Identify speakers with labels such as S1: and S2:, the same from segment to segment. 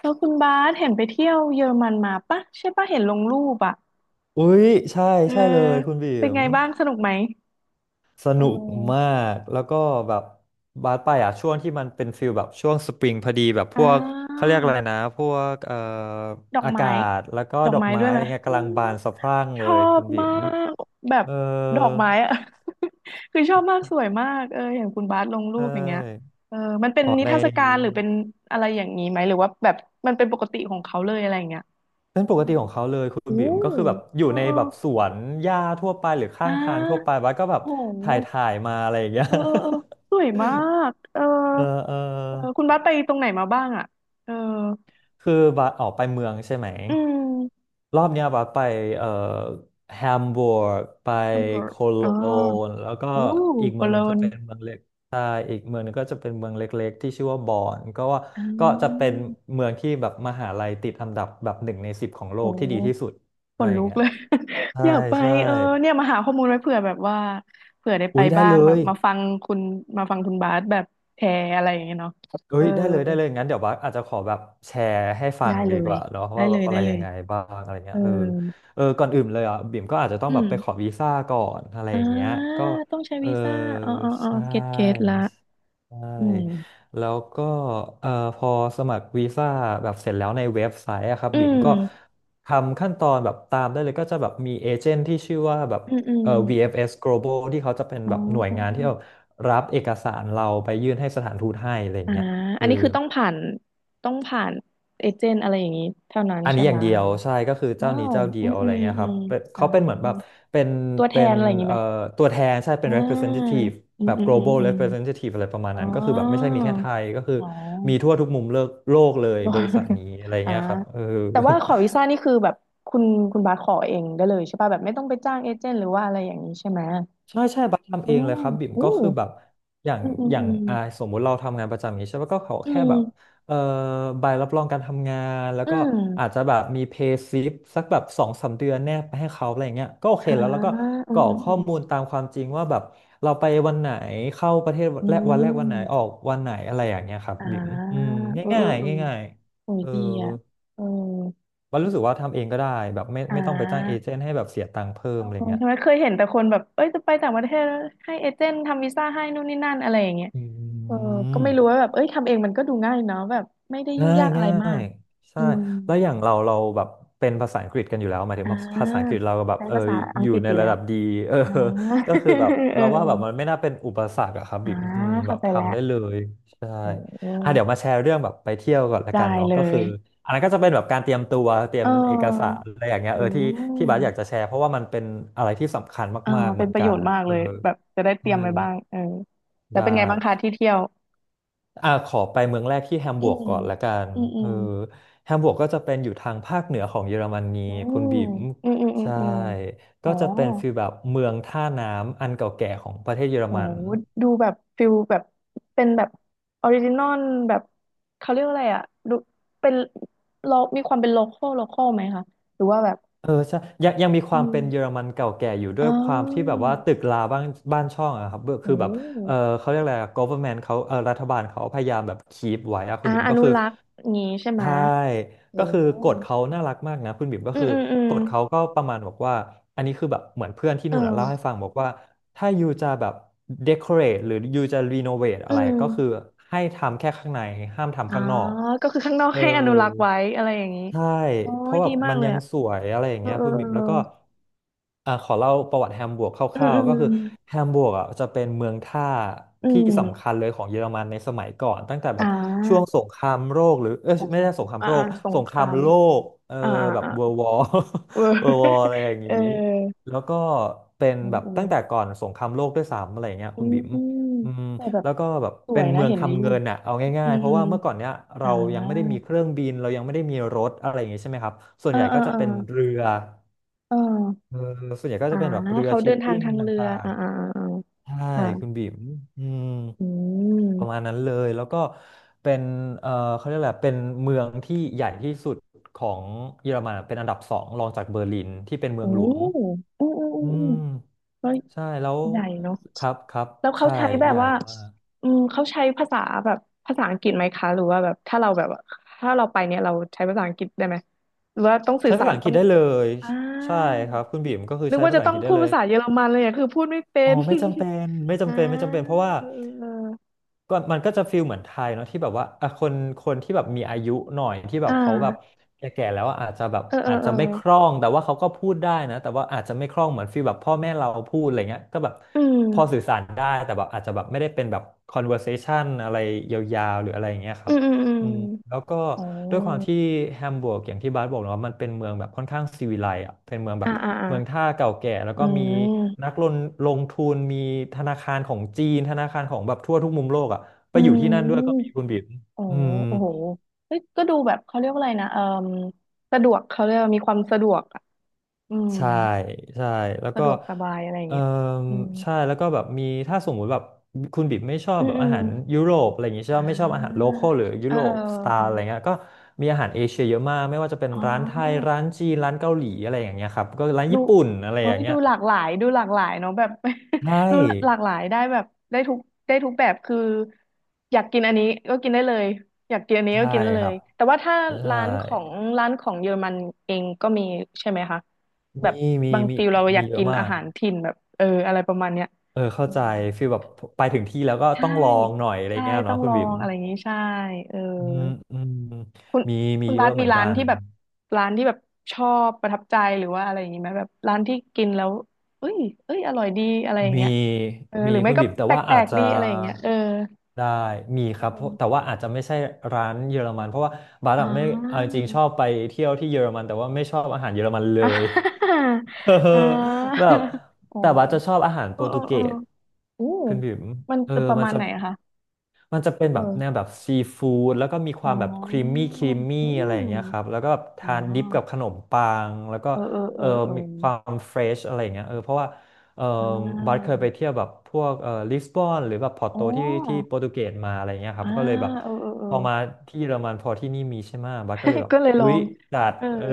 S1: แล้วคุณบาสเห็นไปเที่ยวเยอรมันมาปะใช่ปะเห็นลงรูปอ่ะ
S2: อุ๊ยใช่
S1: เออ
S2: ใช่เลยคุณบี
S1: เป็น
S2: ม
S1: ไงบ้างสนุกไหม
S2: ส
S1: เอ
S2: นุกมา
S1: อ
S2: กแล้วก็แบบบาสไปอ่ะช่วงที่มันเป็นฟิลแบบช่วงสปริงพอดีแบบพ
S1: อ่
S2: วกเขา
S1: า
S2: เรียกอะไรนะพวก
S1: ดอก
S2: อา
S1: ไม้
S2: กาศแล้วก็
S1: ดอ
S2: ด
S1: ก
S2: อก
S1: ไม้
S2: ไม้
S1: ด้วย
S2: อะ
S1: ไหม
S2: ไรเงี้ย
S1: อื
S2: กำลัง
S1: ม
S2: บานสะพรั่ง
S1: ช
S2: เล
S1: อ
S2: ยคุ
S1: บ
S2: ณบี
S1: มา
S2: ม
S1: กแบบ
S2: เออ
S1: ดอกไม้อ่ะ คือชอบมากสวยมากเออเห็นคุณบาสลงรู
S2: ใช
S1: ปอย่างเงี้ย
S2: ่
S1: เออมันเป็น
S2: ออก
S1: นิ
S2: ใน
S1: ทรรศการหรือเป็นอะไรอย่างนี้ไหมหรือว่าแบบมันเป็นปกติของเขาเลยอะไรอย่างเงี้ย
S2: เป็นปก
S1: อื
S2: ติ
S1: ม
S2: ของเขาเลยคุณ
S1: โอ้
S2: บีมก็คือแบบอยู่
S1: เออ
S2: ใน
S1: เออ
S2: แบบสวนหญ้าทั่วไปหรือ
S1: อ่
S2: ข้างทางทั่วไป
S1: า
S2: บาสก็แบ
S1: โ
S2: บถ่าย
S1: ห
S2: ถ่ายมาอะไรอย่างเงี้ย
S1: เออเออเออสวยมากเออ
S2: เออเออ
S1: เออคุณบัสไปตรงไหนมาบ้างอ่ะเออ
S2: คือบาสออกไปเมืองใช่ไหม
S1: อืม
S2: รอบเนี้ยบาสไปเอ่อแฮมบูร์กไป
S1: แฮมเบอร์
S2: โค
S1: ก
S2: โล
S1: อ๋อ
S2: นแล้วก็
S1: โอ้
S2: อีก
S1: โค
S2: เมืองห
S1: โล
S2: นึ่งจะ
S1: น
S2: เป็นเมืองเล็กใช่อีกเมืองหนึงก็จะเป็นเมืองเล็กๆที่ชื่อว่าบอนก็ว่า
S1: อ่
S2: ก็จะเป็
S1: า
S2: นเมืองที่แบบมหาลัยติดอันดับแบบหนึ่งในสิบของโล
S1: โอ้
S2: กที่ดีที่สุด
S1: ข
S2: อะไร
S1: น
S2: อ
S1: ลุ
S2: ย่าง
S1: ก
S2: เงี้ย
S1: เลย
S2: ใช่
S1: อยากไป
S2: ใช่
S1: เออเนี่ยมาหาข้อมูลไว้เผื่อแบบว่าเผื่อได้ไป
S2: อุ๊ยได้
S1: บ้า
S2: เล
S1: งแบบ
S2: ย
S1: มาฟังคุณบาสแบบแชร์อะไรอย่างเงี้ยเนาะ
S2: เอ้
S1: เออ
S2: ยได้เลยได้เลยงั้นเดี๋ยวบัสอาจจะขอแบบแชร์ให้ฟั
S1: ได้
S2: ง
S1: เล
S2: ดีก
S1: ย
S2: ว่าเนาะ
S1: ได้
S2: ว่าแบ
S1: เล
S2: บ
S1: ย
S2: อะ
S1: ได้
S2: ไร
S1: เล
S2: ยั
S1: ย
S2: งไงบ้างอะไร
S1: เอ
S2: เงี้
S1: อ
S2: ยเออเออก่อนอื่นเลยอ่ะบิ่มก็อาจจะต้อง
S1: อื
S2: แบบไปขอ
S1: ม
S2: วีซ่าก่อนอะไร
S1: อ่า
S2: อย่างเงี้ยก็
S1: ต้องใช้
S2: เออ
S1: วีซ่าอ๋ออ๋ออ๋อ
S2: ใช่
S1: เก็ตเก็ตละ
S2: ใช่
S1: อืม
S2: แล้วก็เออพอสมัครวีซ่าแบบเสร็จแล้วในเว็บไซต์อะครับ
S1: อื
S2: บิ่มก็
S1: ม
S2: ทำขั้นตอนแบบตามได้เลยก็จะแบบมีเอเจนต์ที่ชื่อว่าแบบ
S1: อืมอื
S2: เอ
S1: ม
S2: อ VFS Global ที่เขาจะเป็น
S1: อ๋
S2: แบบหน่วยงานที่
S1: อ
S2: เอารับเอกสารเราไปยื่นให้สถานทูตให้อะไรอย่า
S1: อ่า
S2: งเงี้ย
S1: อัน
S2: คือ
S1: นี้คือต้องผ่านเอเจนต์อะไรอย่างนี้เท่านั้น
S2: อัน
S1: ใช่
S2: นี้อ
S1: ไห
S2: ย่า
S1: ม
S2: งเดีย
S1: หรื
S2: ว
S1: อว่า
S2: ใช่ก็คือเจ้า
S1: ว้า
S2: นี้
S1: ว
S2: เจ้าเดี
S1: อื
S2: ยว
S1: ม
S2: อะ
S1: อื
S2: ไร
S1: ม
S2: เงี้ยค
S1: อื
S2: รับ
S1: ม
S2: เป็น
S1: อ่า
S2: เขาเป็นเหมือนแบบเป็น
S1: ตัวแท
S2: เป็
S1: น
S2: น
S1: อะไรอย่างนี้
S2: เอ่
S1: ไห
S2: อ
S1: ม
S2: ตัวแทนใช่เป็
S1: อ่
S2: น
S1: า
S2: representative
S1: อืม
S2: แบบ
S1: อืมอืม
S2: global
S1: อืม
S2: representative อะไรประมาณ
S1: อ๋อ
S2: นั้นก็คือแบบไม่ใช่มีแค่ไทยก็คือ
S1: อ๋อ
S2: มีทั่วทุกมุมโลกโลกเลยบริษัท นี้อะไร
S1: อ่า
S2: เงี้ยครับเออ
S1: แต่ว่าขอวีซ่านี่คือแบบคุณคุณบาสขอเองได้เลยใช่ป่ะแบบไม่ต้องไปจ้างเอเจนต์หรือว่าอะไรอย่างนี้ใช่ไหม
S2: ใช่ใช่บัสทำ
S1: อ๋
S2: เอ
S1: อ
S2: งเลยครับบิ่ม
S1: อู้
S2: ก็คือแบบอย่าง
S1: อืมอืมอืม
S2: สมมุติเราทำงานประจำอย่างนี้ใช่ปะก็เขา
S1: อื
S2: แค่แบบ
S1: ม
S2: เอ่อใบรับรองการทำงานแล้ว
S1: อื
S2: ก็อาจ
S1: ม
S2: จะแบบมีเพย์ซิปสักแบบสองสามเดือนแนบไปให้เขาอะไรอย่างเงี้ยก็โอเค
S1: อ่า
S2: แล้วแล้วก็
S1: อื
S2: กร
S1: ม
S2: อก
S1: อืม
S2: ข้
S1: อื
S2: อ
S1: ม
S2: มูลตามความจริงว่าแบบเราไปวันไหนเข้าประเทศ
S1: อื
S2: แรกวันแรกวันไหนออ
S1: ม
S2: กวันไหนอะไรอย่างเงี้ยครับ
S1: อ่า
S2: บิ่มอืม
S1: เออเอ
S2: ง่า
S1: อ
S2: ย
S1: เออ
S2: ๆง่าย
S1: โอ้
S2: ๆ
S1: ย
S2: เออ
S1: ดีอ่ะเออ
S2: บันรู้สึกว่าทำเองก็ได้แบบไม่
S1: อ่
S2: ไม่ต้องไปจ้างเอ
S1: า
S2: เจนต์ให้แบบเสียตังค์เพิ่
S1: เอ
S2: มอะไร
S1: อ
S2: เงี้ย
S1: ใช่ไหมเคยเห็นแต่คนแบบเอ้ยจะไปต่างประเทศแล้วให้เอเจนต์ทำวีซ่าให้นู่นนี่นั่นอะไรอย่างเงี้ย
S2: อื
S1: เออก็ไม่รู้
S2: ม
S1: ว่าแบบเอ้ยทำเองมันก็ดูง่ายเนาะแบบไม่ได้ยุ่ง
S2: ง่าย
S1: ยากอะไร
S2: ง่า
S1: มา
S2: ย
S1: ก
S2: ใช่
S1: อืม
S2: แล้วอย่างเราแบบเป็นภาษาอังกฤษกันอยู่แล้วหมายถึ
S1: อ่
S2: งภาษาอังก
S1: า
S2: ฤษเราก็แบบ
S1: ใช้
S2: เออ
S1: ภาษาอั
S2: อ
S1: งก
S2: ยู่
S1: ฤษ
S2: ใน
S1: อยู่แล้
S2: ระ
S1: ว
S2: ดับดีเออ
S1: อ่า
S2: ก็คือแบบ
S1: เออ
S2: เราว่าแบบมันไม่น่าเป็นอุปสรรคอะครับ
S1: อ่า
S2: บิ่มอืมแบ
S1: เข้า
S2: บ
S1: ใจแล้ว
S2: ทำได้เลยใช่
S1: อื
S2: อ่ะเดี๋ยว
S1: ม
S2: มาแชร์เรื่องแบบไปเที่ยวก่อนละ
S1: ได้
S2: กันเนาะ
S1: เล
S2: ก็คือ
S1: ย
S2: อันนั้นก็จะเป็นแบบการเตรียมตัวเตรี
S1: เ
S2: ยมเอกสา
S1: ออ
S2: รอะไรอย่างเงี้ย
S1: อื
S2: เออที่ที่บาสอยากจะ
S1: ม
S2: แชร์เพราะว่ามันเป็นอะไรที่สำคัญ
S1: อ่า
S2: มากๆเห
S1: เป็
S2: มื
S1: น
S2: อน
S1: ประ
S2: กั
S1: โย
S2: น
S1: ชน์มาก
S2: เอ
S1: เล
S2: อ
S1: ยแบบจะได้เต
S2: ใช่
S1: รียมไว้บ้างเออแล้ว
S2: ได้
S1: เป็นไงบ้างคะที่เที่ยว
S2: อ่าขอไปเมืองแรกที่แฮม
S1: อื
S2: บูร์ก
S1: ม
S2: ก่อนละกัน
S1: อืมอื
S2: เออ
S1: ม
S2: แฮมบูร์กก็จะเป็นอยู่ทางภาคเหนือของเยอรมนี
S1: อื
S2: คุณ
S1: ม
S2: บิ๋ม
S1: อืมอืมอืม
S2: ใช่
S1: อืมอ๋
S2: ก็
S1: อ
S2: จะเป็นฟีลแบบเมืองท่าน้ำอันเก่าแก่ของประเทศเยอร
S1: โอ้
S2: มัน
S1: ดูแบบฟิลแบบเป็นแบบออริจินอลแบบเขาเรียกว่าอะไรอ่ะดูเป็นโลมีความเป็นโลคอลไหมคะหรือว่าแบบ
S2: เออใช่ยังมีค
S1: อื
S2: วาม
S1: ม
S2: เป็นเยอรมันเก่าแก่อยู่ด้
S1: อ๋
S2: วยความที่แบบ
S1: อ
S2: ว่าตึกราบ้านบ้านช่องอะครับเบอร์
S1: โอ้
S2: คือแบบ
S1: โ
S2: เออเขาเรียกอะไรอะ government เขาเออรัฐบาลเขาพยายามแบบคีปไว้อะคุ
S1: อ่า
S2: ณบิม
S1: อ
S2: ก็
S1: นุ
S2: คือ
S1: รักษ์งี้ใช่ไหมะ
S2: ใช่
S1: โอ้
S2: ก็คือ
S1: โ
S2: กฎเขาน่ารักมากนะคุณบิ่มก็
S1: อืม
S2: คือ
S1: อืมอืม
S2: กฎเขาก็ประมาณบอกว่าอันนี้คือแบบเหมือนเพื่อนที่
S1: เ
S2: นู่นอะเล่าให้
S1: ออ
S2: ฟังบอกว่าถ้ายูจะแบบ decorate หรือยูจะ renovate
S1: อื
S2: อะไรก็คือ
S1: ม
S2: ให้ทำแค่ข้างในห้าม
S1: อ๋
S2: ทำ
S1: อ
S2: ข้างนอก
S1: ก็คือข้างนอก
S2: เออ
S1: ให้อนุรักษ์ไว้อะไรอย่างนี้
S2: ใช่
S1: โอ้
S2: เพ
S1: ย
S2: ราะแบ
S1: ดี
S2: บ
S1: มาก
S2: มัน
S1: เลย
S2: ยัง
S1: อ่ะ
S2: สวยอะไรอย่าง
S1: เออ
S2: เงี้ยคุณบิ่มแล้วก็อ่าขอเล่าประวัติแฮมบวร์กค
S1: เออ
S2: ร่า
S1: เอ
S2: วๆก็คือ
S1: อ
S2: แฮมบวร์กอ่ะจะเป็นเมืองท่า
S1: อื
S2: ที่
S1: มอืมอื
S2: สำคัญ
S1: ม
S2: เลยของเยอรมันในสมัยก่อนตั้งแต่แบ
S1: อ่
S2: บช่วง
S1: า
S2: สงครามโลกหรือเอย
S1: อ๋อ
S2: ไม่ใช่สงคราม
S1: อ่า
S2: โล
S1: อ่า
S2: ก
S1: ส
S2: ส
S1: ง
S2: ง
S1: ค
S2: ครา
S1: รา
S2: ม
S1: ม
S2: โลกเออ
S1: อ่าอ่า
S2: แบบ
S1: อ่า
S2: อร์วอร
S1: เออ
S2: ์ อะไรอย่าง
S1: เออ
S2: งี้แล้วก็เป็น
S1: อื
S2: แบบตั้งแต่
S1: ม
S2: ก่อนสงครามโลกด้วยซ้ำอะไรอย่างเงี้ย
S1: อื
S2: คุณ
S1: ม
S2: บิ่ม
S1: อืม
S2: อืม
S1: แต่แบบ
S2: แล้วก็แบบ
S1: สว
S2: เป็น
S1: ยนะ
S2: เมือง
S1: เห็นใน
S2: ทำ
S1: รู
S2: เงิ
S1: ป
S2: นน่ะเอา
S1: อื
S2: ง่าย
S1: ม
S2: ๆ เพ
S1: อื
S2: ราะ
S1: ม
S2: ว่าเมื่อก่อนเนี้ย
S1: อ่า
S2: เรายังไม่ได้มีเครื่องบินเรายังไม่ได้มีรถอะไรอย่างงี้ใช่ไหมครับส่ว
S1: เอ
S2: น
S1: อ
S2: ใหญ่
S1: เอ
S2: ก็
S1: อ
S2: จะ
S1: เออ
S2: เป็นเรือ
S1: เออ
S2: เออส่วนใหญ่ก็
S1: อ่า
S2: จะเป็นแบบเรือ
S1: เขา
S2: ชิ
S1: เดิ
S2: ป
S1: นทาง
S2: ปิ้ง
S1: ทางเรือ
S2: ต่าง
S1: อ่าอ่าอ่าอ่า
S2: ๆใช่คุณ
S1: ค่ะ
S2: บิ๋มอืม
S1: อื
S2: ประมาณ
S1: ม
S2: นั้นเลยแล้วก็เป็นเออเขาเรียกอะไรเป็นเมืองที่ใหญ่ที่สุดของเยอรมันอะเป็นอันดับสองรองจากเบอร์ลินที่เป็นเมื
S1: โอ้
S2: องหลวง
S1: อืมอืมอื
S2: อื
S1: มอืม
S2: ม
S1: ก็
S2: ใช่แล้ว
S1: ใหญ่เนาะ
S2: ครับครับ
S1: แล้วเขา
S2: ใช่
S1: ใช้แบ
S2: ให
S1: บ
S2: ญ่
S1: ว่า
S2: มาก
S1: อืมเขาใช้ภาษาแบบภาษาอังกฤษไหมคะหรือว่าแบบถ้าเราแบบว่าถ้าเราไปเนี่ยเราใช้ภาษาอังกฤษได้ไหมหรือว่าต้องสื่
S2: ใช้
S1: อ
S2: ภา
S1: สา
S2: ษา
S1: ร
S2: อังก
S1: ต้
S2: ฤ
S1: อ
S2: ษ
S1: ง
S2: ได้เลย
S1: อ่า
S2: ใช่ครับคุณบีมก็คือ
S1: นึก
S2: ใช้
S1: ว่า
S2: ภา
S1: จะ
S2: ษาอั
S1: ต้อ
S2: งก
S1: ง
S2: ฤษได้
S1: พูด
S2: เลย
S1: ภาษาเยอรมันเลยอะคือพูดไม่เป็
S2: อ๋อ
S1: น
S2: ไม่จำเป็นไม่
S1: อ่า
S2: จำเป็นไม่จำเป็นเพราะว่า
S1: เออเออเออ
S2: ก็มันก็จะฟีลเหมือนไทยเนาะที่แบบว่าอ่ะคนที่แบบมีอายุหน่อยที่แบ
S1: อ่
S2: บเขาแบบ
S1: า
S2: แก่ๆแล้วอะอาจจะแบบ
S1: เออเออ
S2: อาจ
S1: เอ
S2: จะ
S1: อ
S2: ไม่คล่องแต่ว่าเขาก็พูดได้นะแต่ว่าอาจจะไม่คล่องเหมือนฟีลแบบพ่อแม่เราพูดอะไรเงี้ยก็แบบ
S1: อื
S2: พอสื่
S1: ม
S2: อสารได้แต่แบบอาจจะแบบไม่ได้เป็นแบบ conversation อะไรยาวๆหรืออะไรอย่างเงี้ยค
S1: อื
S2: รับ
S1: มอืมอืม
S2: อืมแล้วก็
S1: อ๋อ
S2: ด้วยความที่แฮมบูร์กอย่างที่บาสบอกเนาะมันเป็นเมืองแบบค่อนข้างซีวิไลซ์อ่ะเป็นเมืองแบ
S1: อ่า
S2: บ
S1: อ่าอ่า
S2: เมืองท่าเก่าแก่แล้ว
S1: อื
S2: ก็มีนั
S1: ม
S2: กลงทุนมีธนาคารของจีนธนาคารของแบบทั่วทุกมุมโลกอ่ะไป
S1: อื
S2: อยู่ที่นั่นด้วยก็
S1: ม
S2: มีคุณบิ๋ม
S1: โอ้
S2: อืม
S1: โอ้โหเฮ้ยก็ดูแบบเขาเรียกว่าอะไรนะเออสะดวกเขาเรียกว่ามีความสะดวกอ่ะอืม
S2: ใช่ใช่แล้ว
S1: สะ
S2: ก็
S1: ดวกสบายอะไรอย่าง
S2: เออ
S1: เงี้ยอืม
S2: ใช่แล้วก็แบบมีถ้าสมมุติแบบคุณบิ๊มไม่ชอบ
S1: อืม
S2: แบบ
S1: อื
S2: อา
S1: ม
S2: หารยุโรปอะไรอย่างงี้ใช่
S1: อ่
S2: ไหมไม่ชอบอาหารโล
S1: า
S2: คอลหรือยุ
S1: เออ
S2: โรป
S1: เออ
S2: สไต
S1: เอ
S2: ล์อะไร
S1: อ
S2: เงี้ยก็มีอาหารเอเชียเยอะมากไม่ว่าจะเป็น
S1: อ๋อ
S2: ร้านไทยร้านจีนร้านเกาหลีอะไรอย่างเงี้ยครับก็ร้าน
S1: ดู
S2: ญี่ปุ่นอะไร
S1: เอ้
S2: อย่า
S1: ย
S2: งเงี้
S1: ดู
S2: ย
S1: หลากหลายดูหลากหลายเนาะแบบ
S2: ใช
S1: ดูหลาก
S2: ่
S1: หลายได้แบบได้ทุกได้ทุกแบบคืออยากกินอันนี้ก็กินได้เลยอยากกินอันนี้ก็
S2: ใช่
S1: กินได้เล
S2: ครั
S1: ย
S2: บ
S1: แต่ว่าถ้า
S2: ใช่
S1: ร้านของร้านของเยอรมันเองก็มีใช่ไหมคะแบบ
S2: มีมี
S1: บาง
S2: มี
S1: ฟิลเราอ
S2: มี
S1: ยาก
S2: เย
S1: กิ
S2: อะ
S1: น
S2: มา
S1: อา
S2: ก
S1: หารถิ่นแบบเอออะไรประมาณเนี้ย
S2: เออเข้า
S1: อื
S2: ใจ
S1: ม
S2: ฟีลแบบไปถึงที่แล้วก็
S1: ใช่
S2: ต้องลองหน่อยอะไร
S1: ใช่
S2: เงี้ย
S1: ต้อ
S2: เนาะ
S1: ง
S2: คุ
S1: ล
S2: ณ
S1: อ
S2: บิ๊ม
S1: งอะไรอย่างนี้ใช่เออ
S2: อืมอืม
S1: คุณ
S2: มีมี
S1: คุณ
S2: เย
S1: บา
S2: อะ
S1: ส
S2: เห
S1: มี
S2: มือน
S1: ร้า
S2: กั
S1: น
S2: น
S1: ที่แบบร้านที่แบบชอบประทับใจหรือว่าอะไรอย่างนี้ไหมแบบร้านที่กินแล้วเอ้ยเอ้ยอร่อยดีอะไรอย่าง
S2: มี
S1: เงี้ยเออห
S2: มี
S1: รือไม่
S2: คุณ
S1: ก็
S2: บิบแต่
S1: แป
S2: ว่า
S1: ล
S2: อาจ
S1: กๆ
S2: จะ
S1: ดีอะไรอย่างเงี้ยเออ
S2: ได้มี
S1: เ
S2: ครับเพราะแต่
S1: ออ
S2: ว่าอาจจะไม่ใช่ร้านเยอรมันเพราะว่าบาร์
S1: อ๋
S2: ดไม่เอาจ
S1: อ
S2: ริงๆชอบไปเที่ยวที่เยอรมันแต่ว่าไม่ชอบอาหารเยอรมันเล
S1: อ่า
S2: ย เออ
S1: อ่า
S2: แบบ
S1: อ๋อ
S2: แต่ว่าจะชอบอาหาร
S1: เอ
S2: โป
S1: อ
S2: ร
S1: เอ
S2: ตุ
S1: อ
S2: เก
S1: เออ
S2: ส
S1: อู้
S2: คุณบิ๋ม
S1: มัน
S2: เออ
S1: จะประ
S2: มัน
S1: มาณ
S2: จะ
S1: ไหนอะคะ
S2: มันจะเป็นแบบแนว
S1: เออ
S2: แบบซีฟู้ดแล้วก็มีค
S1: อ๋
S2: วาม
S1: อ
S2: แบบครีมมี่
S1: อื
S2: อะไรอย่างเงี้ยครับ
S1: ม
S2: แล้วก็แบบ
S1: อ๋อ
S2: ทานดิปกับขนมปังแล้วก็
S1: เออเออเอ
S2: เอ
S1: อ
S2: อ
S1: เออ
S2: มีความเฟรชอะไรอย่างเงี้ยเออเพราะว่าเออ
S1: อ่
S2: บัสเค
S1: า
S2: ยไปเที่ยวแบบพวกเออลิสบอนหรือแบบพอร์
S1: อ๋อ
S2: โตที่โปรตุเกสมาอะไรเงี้ยครั
S1: อ่า
S2: บก็เลยแบบ
S1: เออเออเออ
S2: พอมาที่เยอรมันพอที่นี่มีใช่ไหมะบัสก็เลยแบ บ
S1: ก็เลยล
S2: อุ๊
S1: อ
S2: ย
S1: ง
S2: จัด
S1: เออ
S2: เออ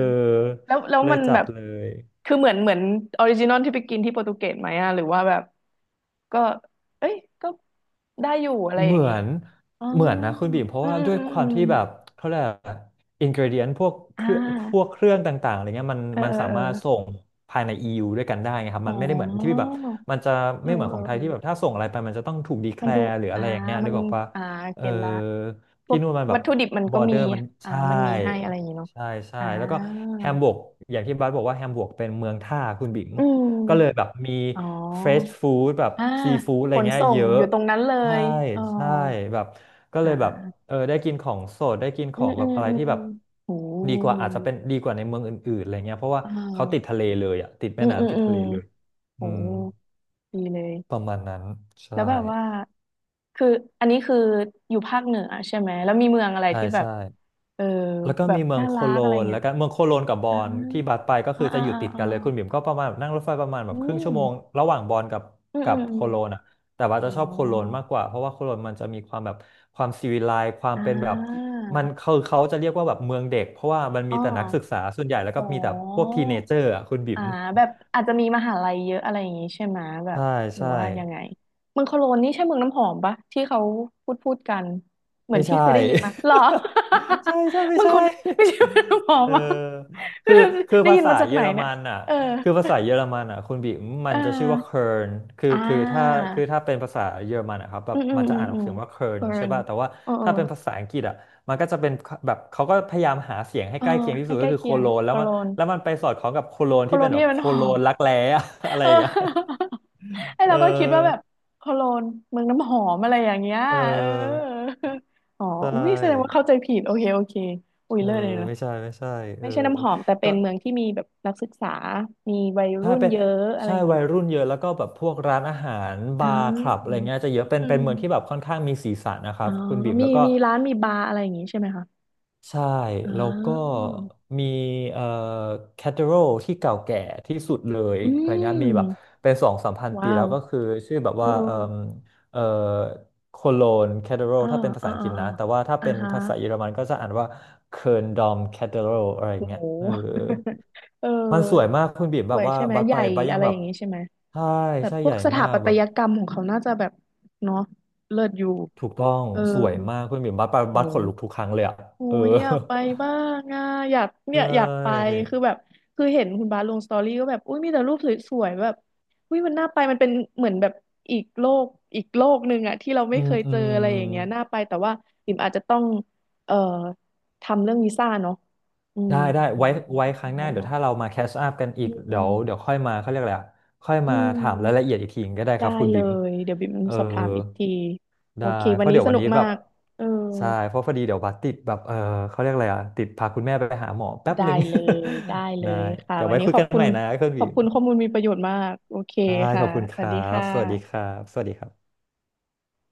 S1: แล้ว
S2: เลย
S1: มัน
S2: จั
S1: แบ
S2: ด
S1: บ
S2: เลย
S1: คือเหมือนออริจินอลที่ไปกินที่โปรตุเกสไหมอะหรือว่าแบบก็เอ้ยก็ได้อยู่อะไรอ
S2: เห
S1: ย่า
S2: มื
S1: งนี้
S2: อน
S1: อ๋อ
S2: เหมือนนะคุณบีมเพราะ
S1: อืม
S2: ว่า
S1: อืม
S2: ด้วย
S1: อืม
S2: ค
S1: อ
S2: วาม
S1: ม
S2: ที่แบบเขาเรียกอินกรเดียนพวก
S1: อ่
S2: เครื่องพวก
S1: า
S2: เครื่องต่างๆอะไรเงี้ยมัน
S1: เออ
S2: มัน
S1: เออ
S2: สา
S1: เออ
S2: มารถส่งภายใน EU ด้วยกันได้ไงครับ
S1: อ๋
S2: มันไม่ได้เหมือนที่
S1: อ
S2: แบบมันจะ
S1: เออ
S2: ไม่เหมือน
S1: เอ
S2: ข
S1: อ
S2: องไท
S1: เอ
S2: ยที่แบบ
S1: อ
S2: ถ้าส่งอะไรไปมันจะต้องถูกดีแค
S1: มัน
S2: ล
S1: ดู
S2: ร์หรืออะ
S1: อ่า
S2: ไรอย่างเงี้ย
S1: มั
S2: นึ
S1: น
S2: กออกว่า
S1: อ่า
S2: เออ
S1: เก็ตละพว
S2: ที่
S1: ก
S2: นู่นมันแบ
S1: วั
S2: บ
S1: ตถุดิบมัน
S2: บ
S1: ก็
S2: อร์เด
S1: มี
S2: อร์มัน
S1: อ่า
S2: ใช่
S1: มันมีให้อะไรอย่างนี้เนาะ
S2: ใช่ใช่
S1: อ่
S2: แล้วก็
S1: า
S2: แฮมบวร์กอย่างที่บัสบอกว่าแฮมบวร์กเป็นเมืองท่าคุณบิ๋ม
S1: อื
S2: ก็เลย
S1: ม
S2: แบบมี
S1: อ๋อ
S2: เฟรชฟู้ดแบบ
S1: อ่า
S2: ซีฟู้ดอะ
S1: ข
S2: ไร
S1: น
S2: เงี้ย
S1: ส่
S2: เย
S1: ง
S2: อะ
S1: อยู่ตรงนั้นเล
S2: ใช่
S1: ยอ๋อ
S2: ใช่แบบก็เลยแบบ
S1: อ่า
S2: เออได้กินของสดได้กินข
S1: อื
S2: อ
S1: ม
S2: ง
S1: อื
S2: แบบ
S1: ม
S2: อะไร
S1: อื
S2: ที่
S1: ม
S2: แบบ
S1: โห
S2: ดีกว่าอาจจะเป็นดีกว่าในเมืองอื่นๆอะไรเงี้ยเพราะว่า
S1: อ่
S2: เขาติด
S1: า
S2: ทะเลเลยอ่ะติด
S1: อื
S2: แม่
S1: มอืม
S2: น้ำติด
S1: อืม
S2: ทะเลเลย
S1: โห
S2: อืม
S1: ดีเล
S2: ป
S1: ย
S2: ระมาณนั้น
S1: แล้
S2: ใช่
S1: วแบบว่าคืออันนี้คืออยู่ภาคเหนือใช่ไหมแล้วมีเมืองอะไร
S2: ใช่
S1: ที่แบบ
S2: ใช่
S1: เออ
S2: แล้วก็
S1: แบบ
S2: มีเมือง
S1: น่า
S2: โค
S1: รั
S2: โล
S1: กอะไร
S2: นแล้
S1: เงี้ย
S2: วก็เมืองโคโลนกับบอ
S1: อ่า
S2: นที่บัสไปก็
S1: อ่า
S2: คือจะ
S1: อ่า
S2: อยู่
S1: อ่า
S2: ติด
S1: อา
S2: กันเลยคุณบิ่มก็ประมาณแบบนั่งรถไฟประมาณแบ
S1: อื
S2: บครึ่ง
S1: ม
S2: ชั่วโมงระหว่างบอนกับ
S1: อืม
S2: กั
S1: อื
S2: บ
S1: มอ
S2: โค
S1: ม
S2: โลนอ่ะแต่ว่า
S1: อ๋
S2: จะชอบโคโลน
S1: อ
S2: มากกว่าเพราะว่าโคโลนมันจะมีความแบบความซีวิไลซ์ความ
S1: อ่
S2: เป็นแบบ
S1: า
S2: มันเขาจะเรียกว่าแบบเมืองเด็กเพราะว่ามัน
S1: อ๋
S2: มี
S1: อ
S2: แต่นักศึกษาส่วนใหญ่แล้ว
S1: อ๋
S2: ก็
S1: อ
S2: มีแต่พวกทีเนเจอร์อ่ะคุณบิ่
S1: อ่า
S2: ม
S1: แบบอาจจะมีมหาลัยเยอะอะไรอย่างงี้ใช่ไหมแบบ
S2: ใช่
S1: หรือ
S2: ใช่
S1: ว่ายังไงเมืองโคโลนนี่ใช่เมืองน้ำหอมปะที่เขาพูดกันเหมือ
S2: ไม่
S1: นที่
S2: ใช่
S1: เคยได้ยินมาหรอ
S2: ใช่ใช่ ไม่
S1: เมือ ง
S2: ใช่
S1: โคนไม่ใช่เมืองน้ำหอ
S2: เอ
S1: ม
S2: อ
S1: อ่ะ
S2: คือคือ
S1: ได้
S2: ภา
S1: ยิน
S2: ษา
S1: มาจาก
S2: เยอ
S1: ไหน
S2: ร
S1: เนี่ย
S2: มันอ่ะ
S1: เออ
S2: คือภาษาเยอรมันอ่ะคุณบิมมั
S1: เอ
S2: นจะชื่อว่า
S1: อ
S2: เคิร์นคือ
S1: อ่า
S2: คือถ้าคือถ้าเป็นภาษาเยอรมันอ่ะครับแบ
S1: อื
S2: บ
S1: มอืม
S2: มันจะ
S1: อืม
S2: อ่านอ
S1: อื
S2: อก
S1: ม
S2: เสียงว่าเคิ
S1: โค
S2: ร์น
S1: โล
S2: ใช่
S1: น
S2: ป่ะแต่ว่า
S1: เออเอ
S2: ถ้าเป็นภา
S1: อ
S2: ษาอังกฤษอ่ะมันก็จะเป็นแบบเขาก็พยายามหาเสียงให้
S1: เออ
S2: ใกล้เคียงที่
S1: ให้
S2: สุด
S1: ใก
S2: ก็
S1: ล้
S2: คือโค
S1: เคียง
S2: โลน
S1: โค
S2: แล้วมั
S1: โล
S2: น
S1: น
S2: แล้วมันไปสอดคล้องกับโคโลน
S1: โค
S2: ที่
S1: โล
S2: เป็
S1: น
S2: นแบ
S1: ที่
S2: บ
S1: มั
S2: โค
S1: นห
S2: โล
S1: อม
S2: นรักแร้อะ อะไร
S1: เออ
S2: อย่างเงี้ย
S1: ไอ
S2: เอ
S1: เราก็คิดว่าแบบ
S2: อ
S1: โคโลนเมืองน้ำหอมอะไรอย่างเงี้ย
S2: เ
S1: เออ
S2: ออ
S1: อ๋อ
S2: ใช
S1: อุ้ยแสดงว่า
S2: ่
S1: เข้าใจผิดโอเคโอเคอุ้ย
S2: เออ
S1: เลิศเลยนะ
S2: ไม่ใช่ไม่ใช่เอ
S1: ไม่
S2: อ
S1: ใช่น้ำหอมแต่เป็
S2: ก็
S1: นเมืองที่มีแบบนักศึกษา มีวัย
S2: ใช่
S1: รุ่น
S2: เป็น
S1: เยอะอะไร
S2: ใช่
S1: อย่างเงี้
S2: วัย
S1: เอะ
S2: รุ่นเยอะแล้วก็แบบพวกร้านอาหาร
S1: อ่
S2: บาร์คลับอะไร
S1: า
S2: เงี้ยจะเยอะเป็น
S1: อื
S2: เป็นเมืองที่แบ
S1: ม
S2: บค่อนข้างมีสีสันนะค
S1: อ๋
S2: รั
S1: อ
S2: บคุณบิ่ม
S1: มี
S2: แล้วก็
S1: มีร้านมีบาร์อะไรอย่างงี้ใช่ไหมคะ
S2: ใช่
S1: อ๋อ
S2: แล้วก็มีเอ่อแคทเธอรัลที่เก่าแก่ที่สุดเลย
S1: อื
S2: อะไรเงี้ยมีแบบ
S1: ม
S2: เป็นสองสามพันปี
S1: ว้า
S2: แล้
S1: ว
S2: วก็คือชื่อแบบ
S1: โอ้
S2: ว่าเอ่อโคโลนแคทเธอรัล
S1: โอ้า
S2: ถ้าเป็นภา
S1: อ่า
S2: ษาอังก
S1: อ่า
S2: ฤษนะ
S1: อ่า
S2: แต่ว่าถ้า
S1: อ่า
S2: เป็น
S1: ฮะ
S2: ภาษาเยอรมันก็จะอ่านว่าเคิร์นดอมแคทเธอรัลอะไร
S1: โ
S2: เงี้ยเออ
S1: ห เออ
S2: มันสวยมากคุณบีม
S1: ส
S2: แบ
S1: ว
S2: บ
S1: ย
S2: ว่า
S1: ใช่ไหม
S2: บัส
S1: ให
S2: ไป
S1: ญ่
S2: บัสยั
S1: อะ
S2: ง
S1: ไร
S2: แบ
S1: อ
S2: บ
S1: ย่างนี้ใช่ไหม
S2: ใช่
S1: แบบ
S2: ใช่
S1: พ
S2: ให
S1: วก
S2: ญ่
S1: สถา
S2: มาก
S1: ปัต
S2: แบบ
S1: ยกรรมของเขาน่าจะแบบเนาะเลิศอยู่
S2: ถูกต้อง
S1: เออ
S2: สวยมากคุณบีมบัสไป
S1: โอ้
S2: บัสขนลุกทุ
S1: โห
S2: กครั้งเลยอะ
S1: โอ้
S2: เออ
S1: ยอยากไปบ้างอ่ะอยาก
S2: ใช
S1: เนี่ยอยากไป
S2: ่
S1: คือแบบคือเห็นคุณบาสลงสตอรี่ก็แบบอุ้ยมีแต่รูปสวยๆแบบอุ้ยมันน่าไปมันเป็นเหมือนแบบอีกโลกอีกโลกหนึ่งอ่ะที่เราไม่
S2: อื
S1: เค
S2: ม
S1: ย
S2: อื
S1: เจอ
S2: ม
S1: อะไรอย่างเงี้ยน่าไปแต่ว่าปิ่มอาจจะต้องเอ่อทำเรื่องวีซ่าเนาะอืม
S2: ได้
S1: เห
S2: ได้
S1: มือนเหมือ
S2: ไว้
S1: นเหมือน
S2: ไว้ค
S1: คุ
S2: รั้
S1: ณ
S2: งห
S1: บา
S2: น้า
S1: ส
S2: เดี๋
S1: บ
S2: ย
S1: อ
S2: ว
S1: ก
S2: ถ้าเรามาแคชอัพกันอี
S1: อื
S2: กเดี๋ยวเดี๋ย
S1: ม
S2: วค่อยมาเขาเรียกอะไรอะค่อย
S1: อื
S2: มา
S1: ม
S2: ถามรายละเอียดอีกทีก็ได้ค
S1: ได้
S2: รับคุณ
S1: เล
S2: บิม
S1: ยเดี๋ยวบิ่ม
S2: เออ
S1: สอบถามอีกทีโอ
S2: ได้
S1: เค
S2: เพ
S1: วัน
S2: ราะ
S1: นี้
S2: เดี๋ยว
S1: ส
S2: วัน
S1: นุก
S2: นี้แบ
S1: มา
S2: บ
S1: กเออ
S2: ใช่เพราะพอดีเดี๋ยวบัสติดแบบเออเขาเรียกอะไรอ่ะติดพาคุณแม่ไปหาหมอแป๊บ
S1: ได้
S2: หนึ่ง
S1: เลยได้ เล
S2: ได้
S1: ยค่ะ
S2: เดี๋ยว
S1: วัน
S2: ไว้
S1: นี้
S2: คุย
S1: ขอ
S2: กั
S1: บ
S2: น
S1: คุ
S2: ให
S1: ณ
S2: ม่นะเครื่อง
S1: ข
S2: บิ
S1: อบ
S2: น
S1: คุณข้อมูลมีประโยชน์มากโอเค
S2: ได้ข
S1: ค่ะ
S2: อบคุณ
S1: ส
S2: ค
S1: วัส
S2: รั
S1: ดี
S2: บ
S1: ค่
S2: สวัสดีค
S1: ะ
S2: รับสวัสดีครับ